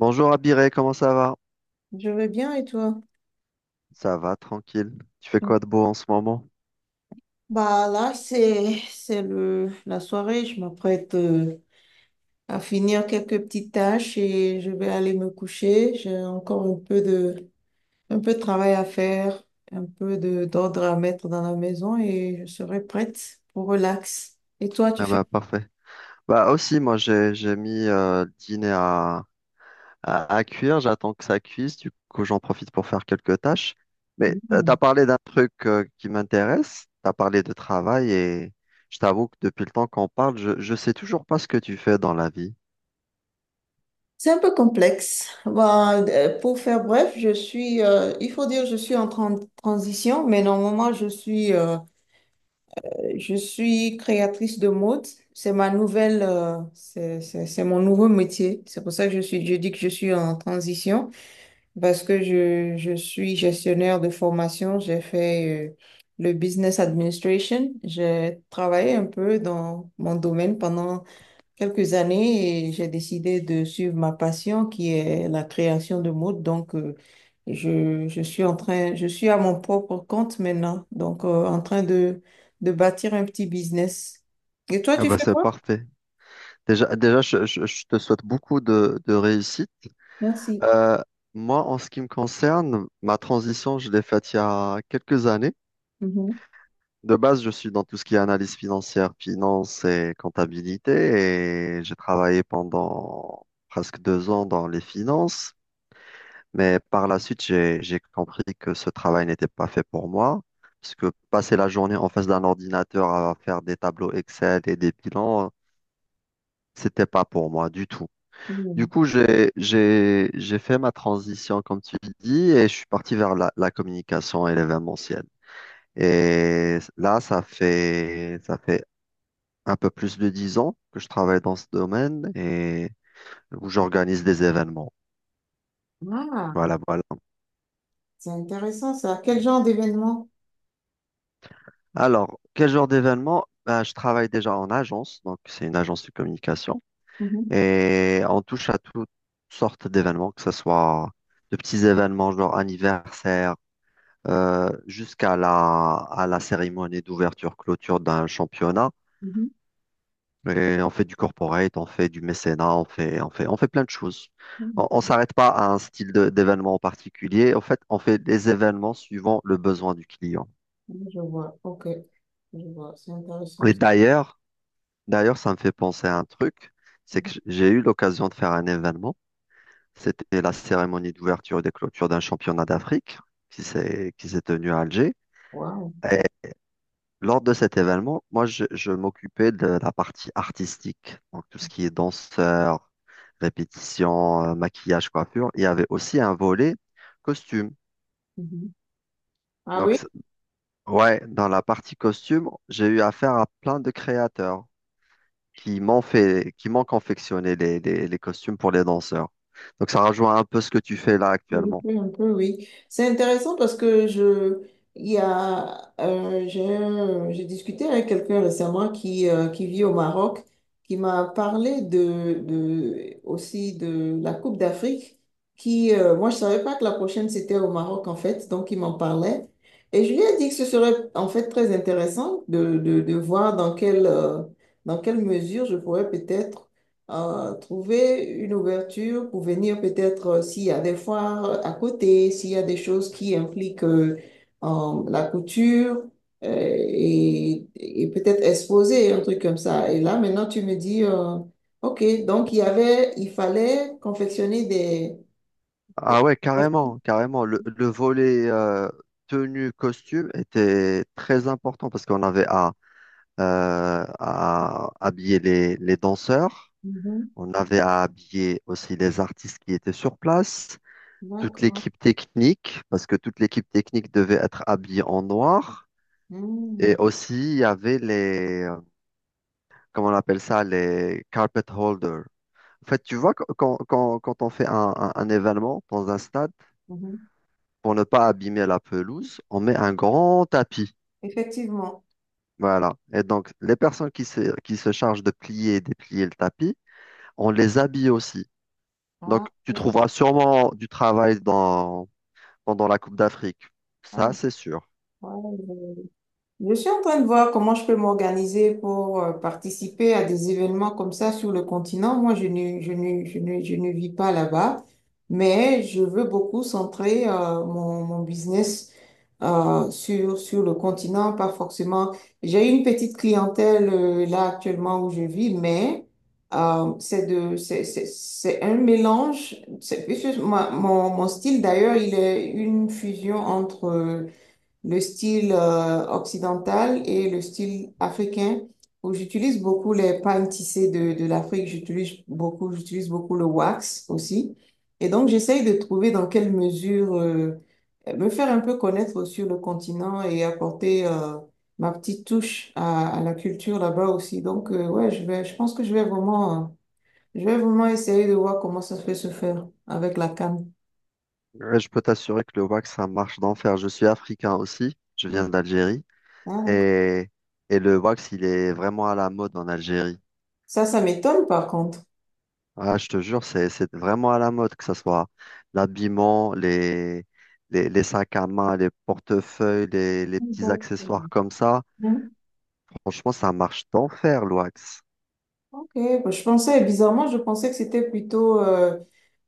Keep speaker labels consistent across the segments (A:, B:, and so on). A: Bonjour Abiré, comment ça va?
B: Je vais bien et toi?
A: Ça va, tranquille. Tu fais
B: Mm.
A: quoi de beau en ce moment?
B: Bah là, c'est le la soirée. Je m'apprête à finir quelques petites tâches et je vais aller me coucher. J'ai encore un peu de travail à faire, un peu de d'ordre à mettre dans la maison et je serai prête pour relax. Et toi, tu
A: Ah
B: fais?
A: bah parfait. Bah aussi, moi j'ai mis le dîner à cuire, j'attends que ça cuise, du coup j'en profite pour faire quelques tâches. Mais t'as
B: Mm.
A: parlé d'un truc qui m'intéresse, t'as parlé de travail et je t'avoue que depuis le temps qu'on parle, je sais toujours pas ce que tu fais dans la vie.
B: C'est un peu complexe. Bah, pour faire bref, il faut dire, je suis en transition, mais normalement, je suis je suis créatrice de mode. C'est ma c'est mon nouveau métier. C'est pour ça que je dis que je suis en transition parce que je suis gestionnaire de formation. J'ai fait, le business administration. J'ai travaillé un peu dans mon domaine pendant quelques années et j'ai décidé de suivre ma passion qui est la création de mode. Donc, je suis à mon propre compte maintenant. Donc, en train de bâtir un petit business. Et toi,
A: Ah
B: tu
A: bah
B: fais
A: c'est
B: quoi?
A: parfait. Déjà, je te souhaite beaucoup de réussite.
B: Merci.
A: Euh, Moi, en ce qui me concerne, ma transition, je l'ai faite il y a quelques années.
B: Mhm.
A: De base, je suis dans tout ce qui est analyse financière, finance et comptabilité, et j'ai travaillé pendant presque 2 ans dans les finances. Mais par la suite, j'ai compris que ce travail n'était pas fait pour moi, parce que passer la journée en face d'un ordinateur à faire des tableaux Excel et des bilans, c'était pas pour moi du tout. Du
B: Mhm.
A: coup, j'ai fait ma transition, comme tu dis, et je suis parti vers la communication et l'événementiel. Et là, ça fait un peu plus de 10 ans que je travaille dans ce domaine et où j'organise des événements.
B: Ah,
A: Voilà, voilà.
B: c'est intéressant ça. Quel genre d'événement?
A: Alors, quel genre d'événement? Ben, je travaille déjà en agence, donc c'est une agence de communication.
B: Mhm.
A: Et on touche à toutes sortes d'événements, que ce soit de petits événements genre anniversaire, jusqu'à la cérémonie d'ouverture-clôture d'un championnat.
B: Mhm.
A: Et on fait du corporate, on fait du mécénat, on fait plein de choses. On ne s'arrête pas à un d'événement en particulier. En fait, on fait des événements suivant le besoin du client.
B: Mhm. Je vois. OK. Je vois. C'est intéressant
A: Et
B: ça.
A: d'ailleurs, d'ailleurs, ça me fait penser à un truc, c'est que
B: Mhm.
A: j'ai eu l'occasion de faire un événement. C'était la cérémonie d'ouverture et de clôture d'un championnat d'Afrique qui s'est tenu à Alger.
B: Wow.
A: Lors de cet événement, moi, je m'occupais de la partie artistique, donc tout ce qui est danseur, répétition, maquillage, coiffure. Il y avait aussi un volet costume.
B: Mhm. Ah
A: Donc,
B: oui?
A: c'est- ouais, dans la partie costume, j'ai eu affaire à plein de créateurs qui m'ont confectionné les costumes pour les danseurs. Donc, ça rejoint un peu ce que tu fais là
B: Oui,
A: actuellement.
B: oui, un peu, oui. C'est intéressant parce que j'ai discuté avec quelqu'un récemment qui vit au Maroc, qui m'a parlé aussi de la Coupe d'Afrique, moi, je savais pas que la prochaine c'était au Maroc, en fait, donc il m'en parlait. Et je lui ai dit que ce serait, en fait, très intéressant de voir dans dans quelle mesure je pourrais peut-être trouver une ouverture pour venir peut-être s'il y a des foires à côté, s'il y a des choses qui impliquent la couture et peut-être exposer un truc comme ça. Et là, maintenant, tu me dis, OK, donc il y avait, il fallait confectionner des...
A: Ah
B: des-
A: ouais, carrément, carrément. Le volet tenue costume était très important parce qu'on avait à habiller les danseurs.
B: Mhm.
A: On avait à habiller aussi les artistes qui étaient sur place, toute
B: D'accord.
A: l'équipe technique, parce que toute l'équipe technique devait être habillée en noir. Et
B: Mmh,
A: aussi, il y avait comment on appelle ça, les carpet holders. En fait, tu vois, quand on fait un événement dans un stade,
B: mhm.
A: pour ne pas abîmer la pelouse, on met un grand tapis.
B: Effectivement.
A: Voilà. Et donc, les personnes qui se chargent de plier et déplier le tapis, on les habille aussi. Donc,
B: Ah,
A: tu
B: je-
A: trouveras sûrement du travail dans, pendant la Coupe d'Afrique.
B: ah,
A: Ça, c'est sûr.
B: ouais, je- Je suis en train de voir comment je peux m'organiser pour participer à des événements comme ça sur le continent. Moi, je ne vis pas là-bas, mais je veux beaucoup centrer mon business sur le continent, pas forcément. J'ai une petite clientèle là actuellement où je vis, mais c'est un mélange. C'est plus- ma- mon style d'ailleurs, il est une fusion entre le style occidental et le style africain où j'utilise beaucoup les pagnes tissées de l'Afrique. J'utilise beaucoup le wax aussi. Et donc, j'essaye de trouver dans quelle mesure me faire un peu connaître sur le continent et apporter ma petite touche à la culture là-bas aussi. Donc, ouais, je pense que je vais vraiment essayer de voir comment ça peut se faire avec la canne.
A: Mais je peux t'assurer que le wax, ça marche d'enfer. Je suis africain aussi. Je
B: Mm.
A: viens d'Algérie.
B: Ah, d'accord.
A: Et, et le wax, il est vraiment à la mode en Algérie.
B: Ça m'étonne par contre.
A: Ah, je te jure, c'est vraiment à la mode, que ce soit l'habillement, les sacs à main, les portefeuilles, les petits
B: Mm.
A: accessoires comme ça.
B: Mm.
A: Franchement, ça marche d'enfer, le wax.
B: Ok, bah, je pensais, bizarrement, je pensais que c'était plutôt euh,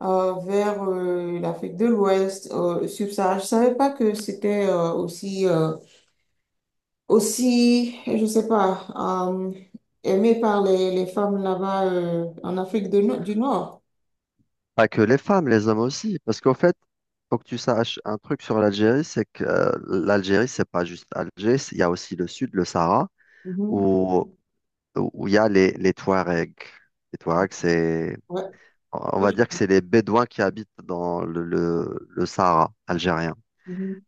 B: euh, vers euh, l'Afrique de l'Ouest, subsaharienne. Je savais pas que c'était je sais pas, euh, aimé par les femmes là-bas en Afrique du Nord.
A: Pas que les femmes, les hommes aussi. Parce qu'en fait, faut que tu saches un truc sur l'Algérie, c'est que l'Algérie, c'est pas juste Alger, il y a aussi le sud, le Sahara,
B: Mhm.
A: où, où il y a les Touaregs. Les Touaregs, c'est,
B: Ouais.
A: on
B: Ouais.
A: va dire que c'est les Bédouins qui habitent dans le Sahara algérien.
B: Mhm.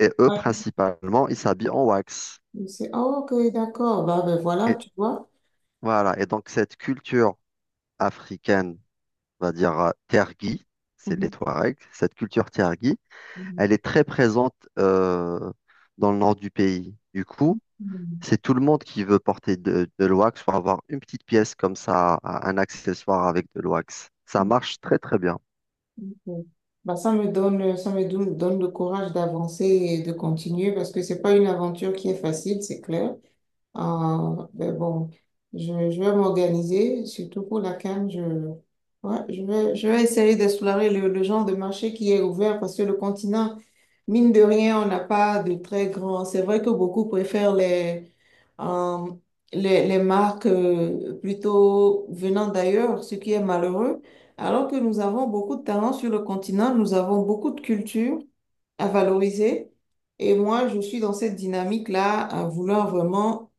A: Et eux,
B: Ouais.
A: principalement, ils s'habillent en wax.
B: Je sais. Ah, ok, d'accord. Bah, ben voilà,
A: Et
B: tu vois.
A: voilà. Et donc, cette culture africaine, on va dire tergis, c'est les
B: Mhm.
A: Touaregs, cette culture tergis,
B: Mhm.
A: elle est très présente dans le nord du pays. Du coup,
B: Mhm.
A: c'est tout le monde qui veut porter de l'wax pour avoir une petite pièce comme ça, un accessoire avec de l'wax. Ça marche très très bien.
B: Ok. Bah, ça me donne, ça me donne le courage d'avancer et de continuer parce que c'est pas une aventure qui est facile, c'est clair. Mais bon, je vais m'organiser, surtout pour la canne. Ouais, je vais essayer d'explorer le genre de marché qui est ouvert parce que le continent, mine de rien, on n'a pas de très grands. C'est vrai que beaucoup préfèrent euh, les marques plutôt venant d'ailleurs, ce qui est malheureux. Alors que nous avons beaucoup de talents sur le continent, nous avons beaucoup de culture à valoriser. Et moi, je suis dans cette dynamique-là, à vouloir vraiment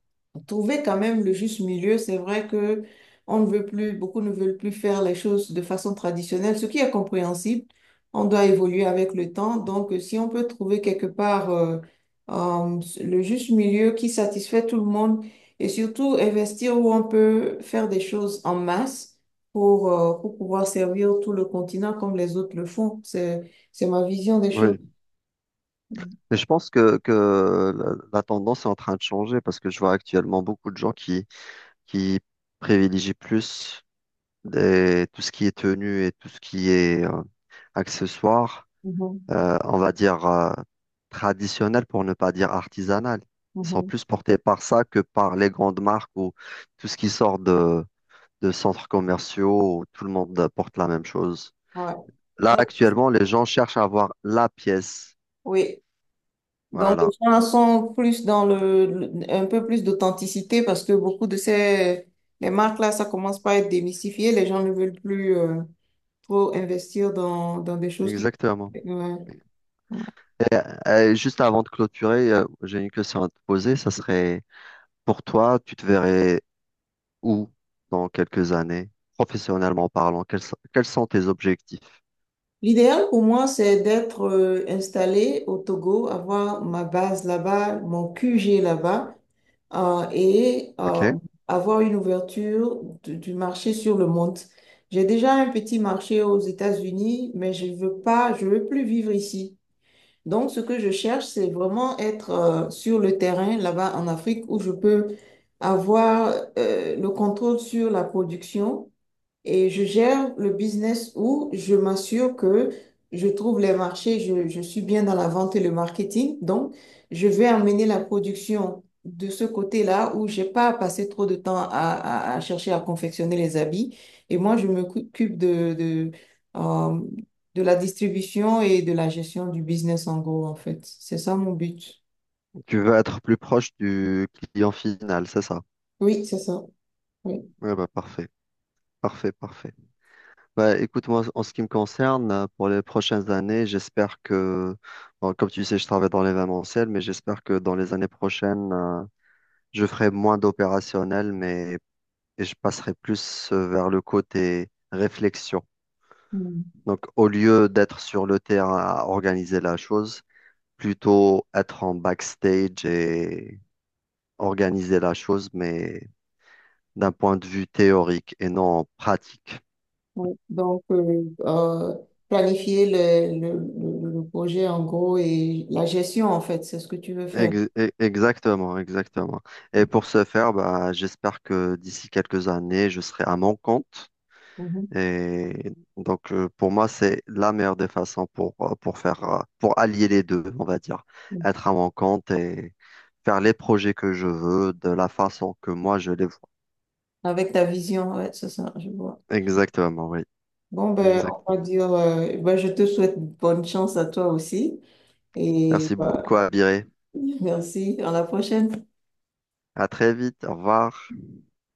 B: trouver quand même le juste milieu. C'est vrai que on ne veut plus, beaucoup ne veulent plus faire les choses de façon traditionnelle, ce qui est compréhensible. On doit évoluer avec le temps. Donc, si on peut trouver quelque part le juste milieu qui satisfait tout le monde et surtout investir où on peut faire des choses en masse pour pouvoir servir tout le continent comme les autres le font, c'est ma vision des choses.
A: Oui. Mais je pense que la tendance est en train de changer parce que je vois actuellement beaucoup de gens qui privilégient plus tout ce qui est tenue et tout ce qui est accessoire,
B: Mhm,
A: on va dire, traditionnels pour ne pas dire artisanales. Ils sont
B: mhm,
A: plus portés par ça que par les grandes marques ou tout ce qui sort de centres commerciaux où tout le monde porte la même chose.
B: ouais.
A: Là, actuellement, les gens cherchent à avoir la pièce.
B: Oui. Donc,
A: Voilà,
B: les gens sont plus dans un peu plus d'authenticité parce que beaucoup de ces les marques-là, ça commence par être démystifié. Les gens ne veulent plus trop investir dans des choses qui.
A: exactement.
B: Ouais, ouais.
A: Juste avant de clôturer, j'ai une question à te poser. Ça serait, pour toi, tu te verrais où dans quelques années, professionnellement parlant? Quels sont tes objectifs?
B: L'idéal pour moi, c'est d'être installé au Togo, avoir ma base là-bas, mon QG là-bas. euh, et euh,
A: OK?
B: Avoir une ouverture du marché sur le monde. J'ai déjà un petit marché aux États-Unis, mais je veux pas, je veux plus vivre ici. Donc, ce que je cherche, c'est vraiment être sur le terrain là-bas en Afrique où je peux avoir le contrôle sur la production et je gère le business où je m'assure que je trouve les marchés, je suis bien dans la vente et le marketing. Donc, je vais amener la production de ce côté-là où j'ai pas à passer trop de temps à chercher à confectionner les habits. Et moi, je m'occupe euh, de la distribution et de la gestion du business en gros, en fait. C'est ça mon but.
A: Tu veux être plus proche du client final, c'est ça?
B: Oui, c'est ça. Oui.
A: Ouais, bah, parfait, parfait, parfait. Bah, écoute, moi, en ce qui me concerne, pour les prochaines années, bon, comme tu sais, je travaille dans l'événementiel, mais j'espère que dans les années prochaines, je ferai moins d'opérationnel, mais et je passerai plus vers le côté réflexion.
B: Mm.
A: Donc, au lieu d'être sur le terrain à organiser la chose, plutôt être en backstage et organiser la chose, mais d'un point de vue théorique et non pratique.
B: Oui. Donc, planifier le projet en gros et la gestion, en fait, c'est ce que tu veux faire.
A: Exactement, exactement. Et pour ce faire, bah, j'espère que d'ici quelques années, je serai à mon compte.
B: Mhm.
A: Et donc, pour moi, c'est la meilleure des façons pour, pour allier les deux, on va dire. Être à mon compte et faire les projets que je veux de la façon que moi je les vois.
B: Avec ta vision, ouais, c'est ça, je vois.
A: Exactement, oui.
B: Bon, ben, on va
A: Exactement.
B: dire, ben, je te souhaite bonne chance à toi aussi. Et
A: Merci
B: bah,
A: beaucoup, Abiré.
B: merci, à la prochaine.
A: À très vite. Au revoir.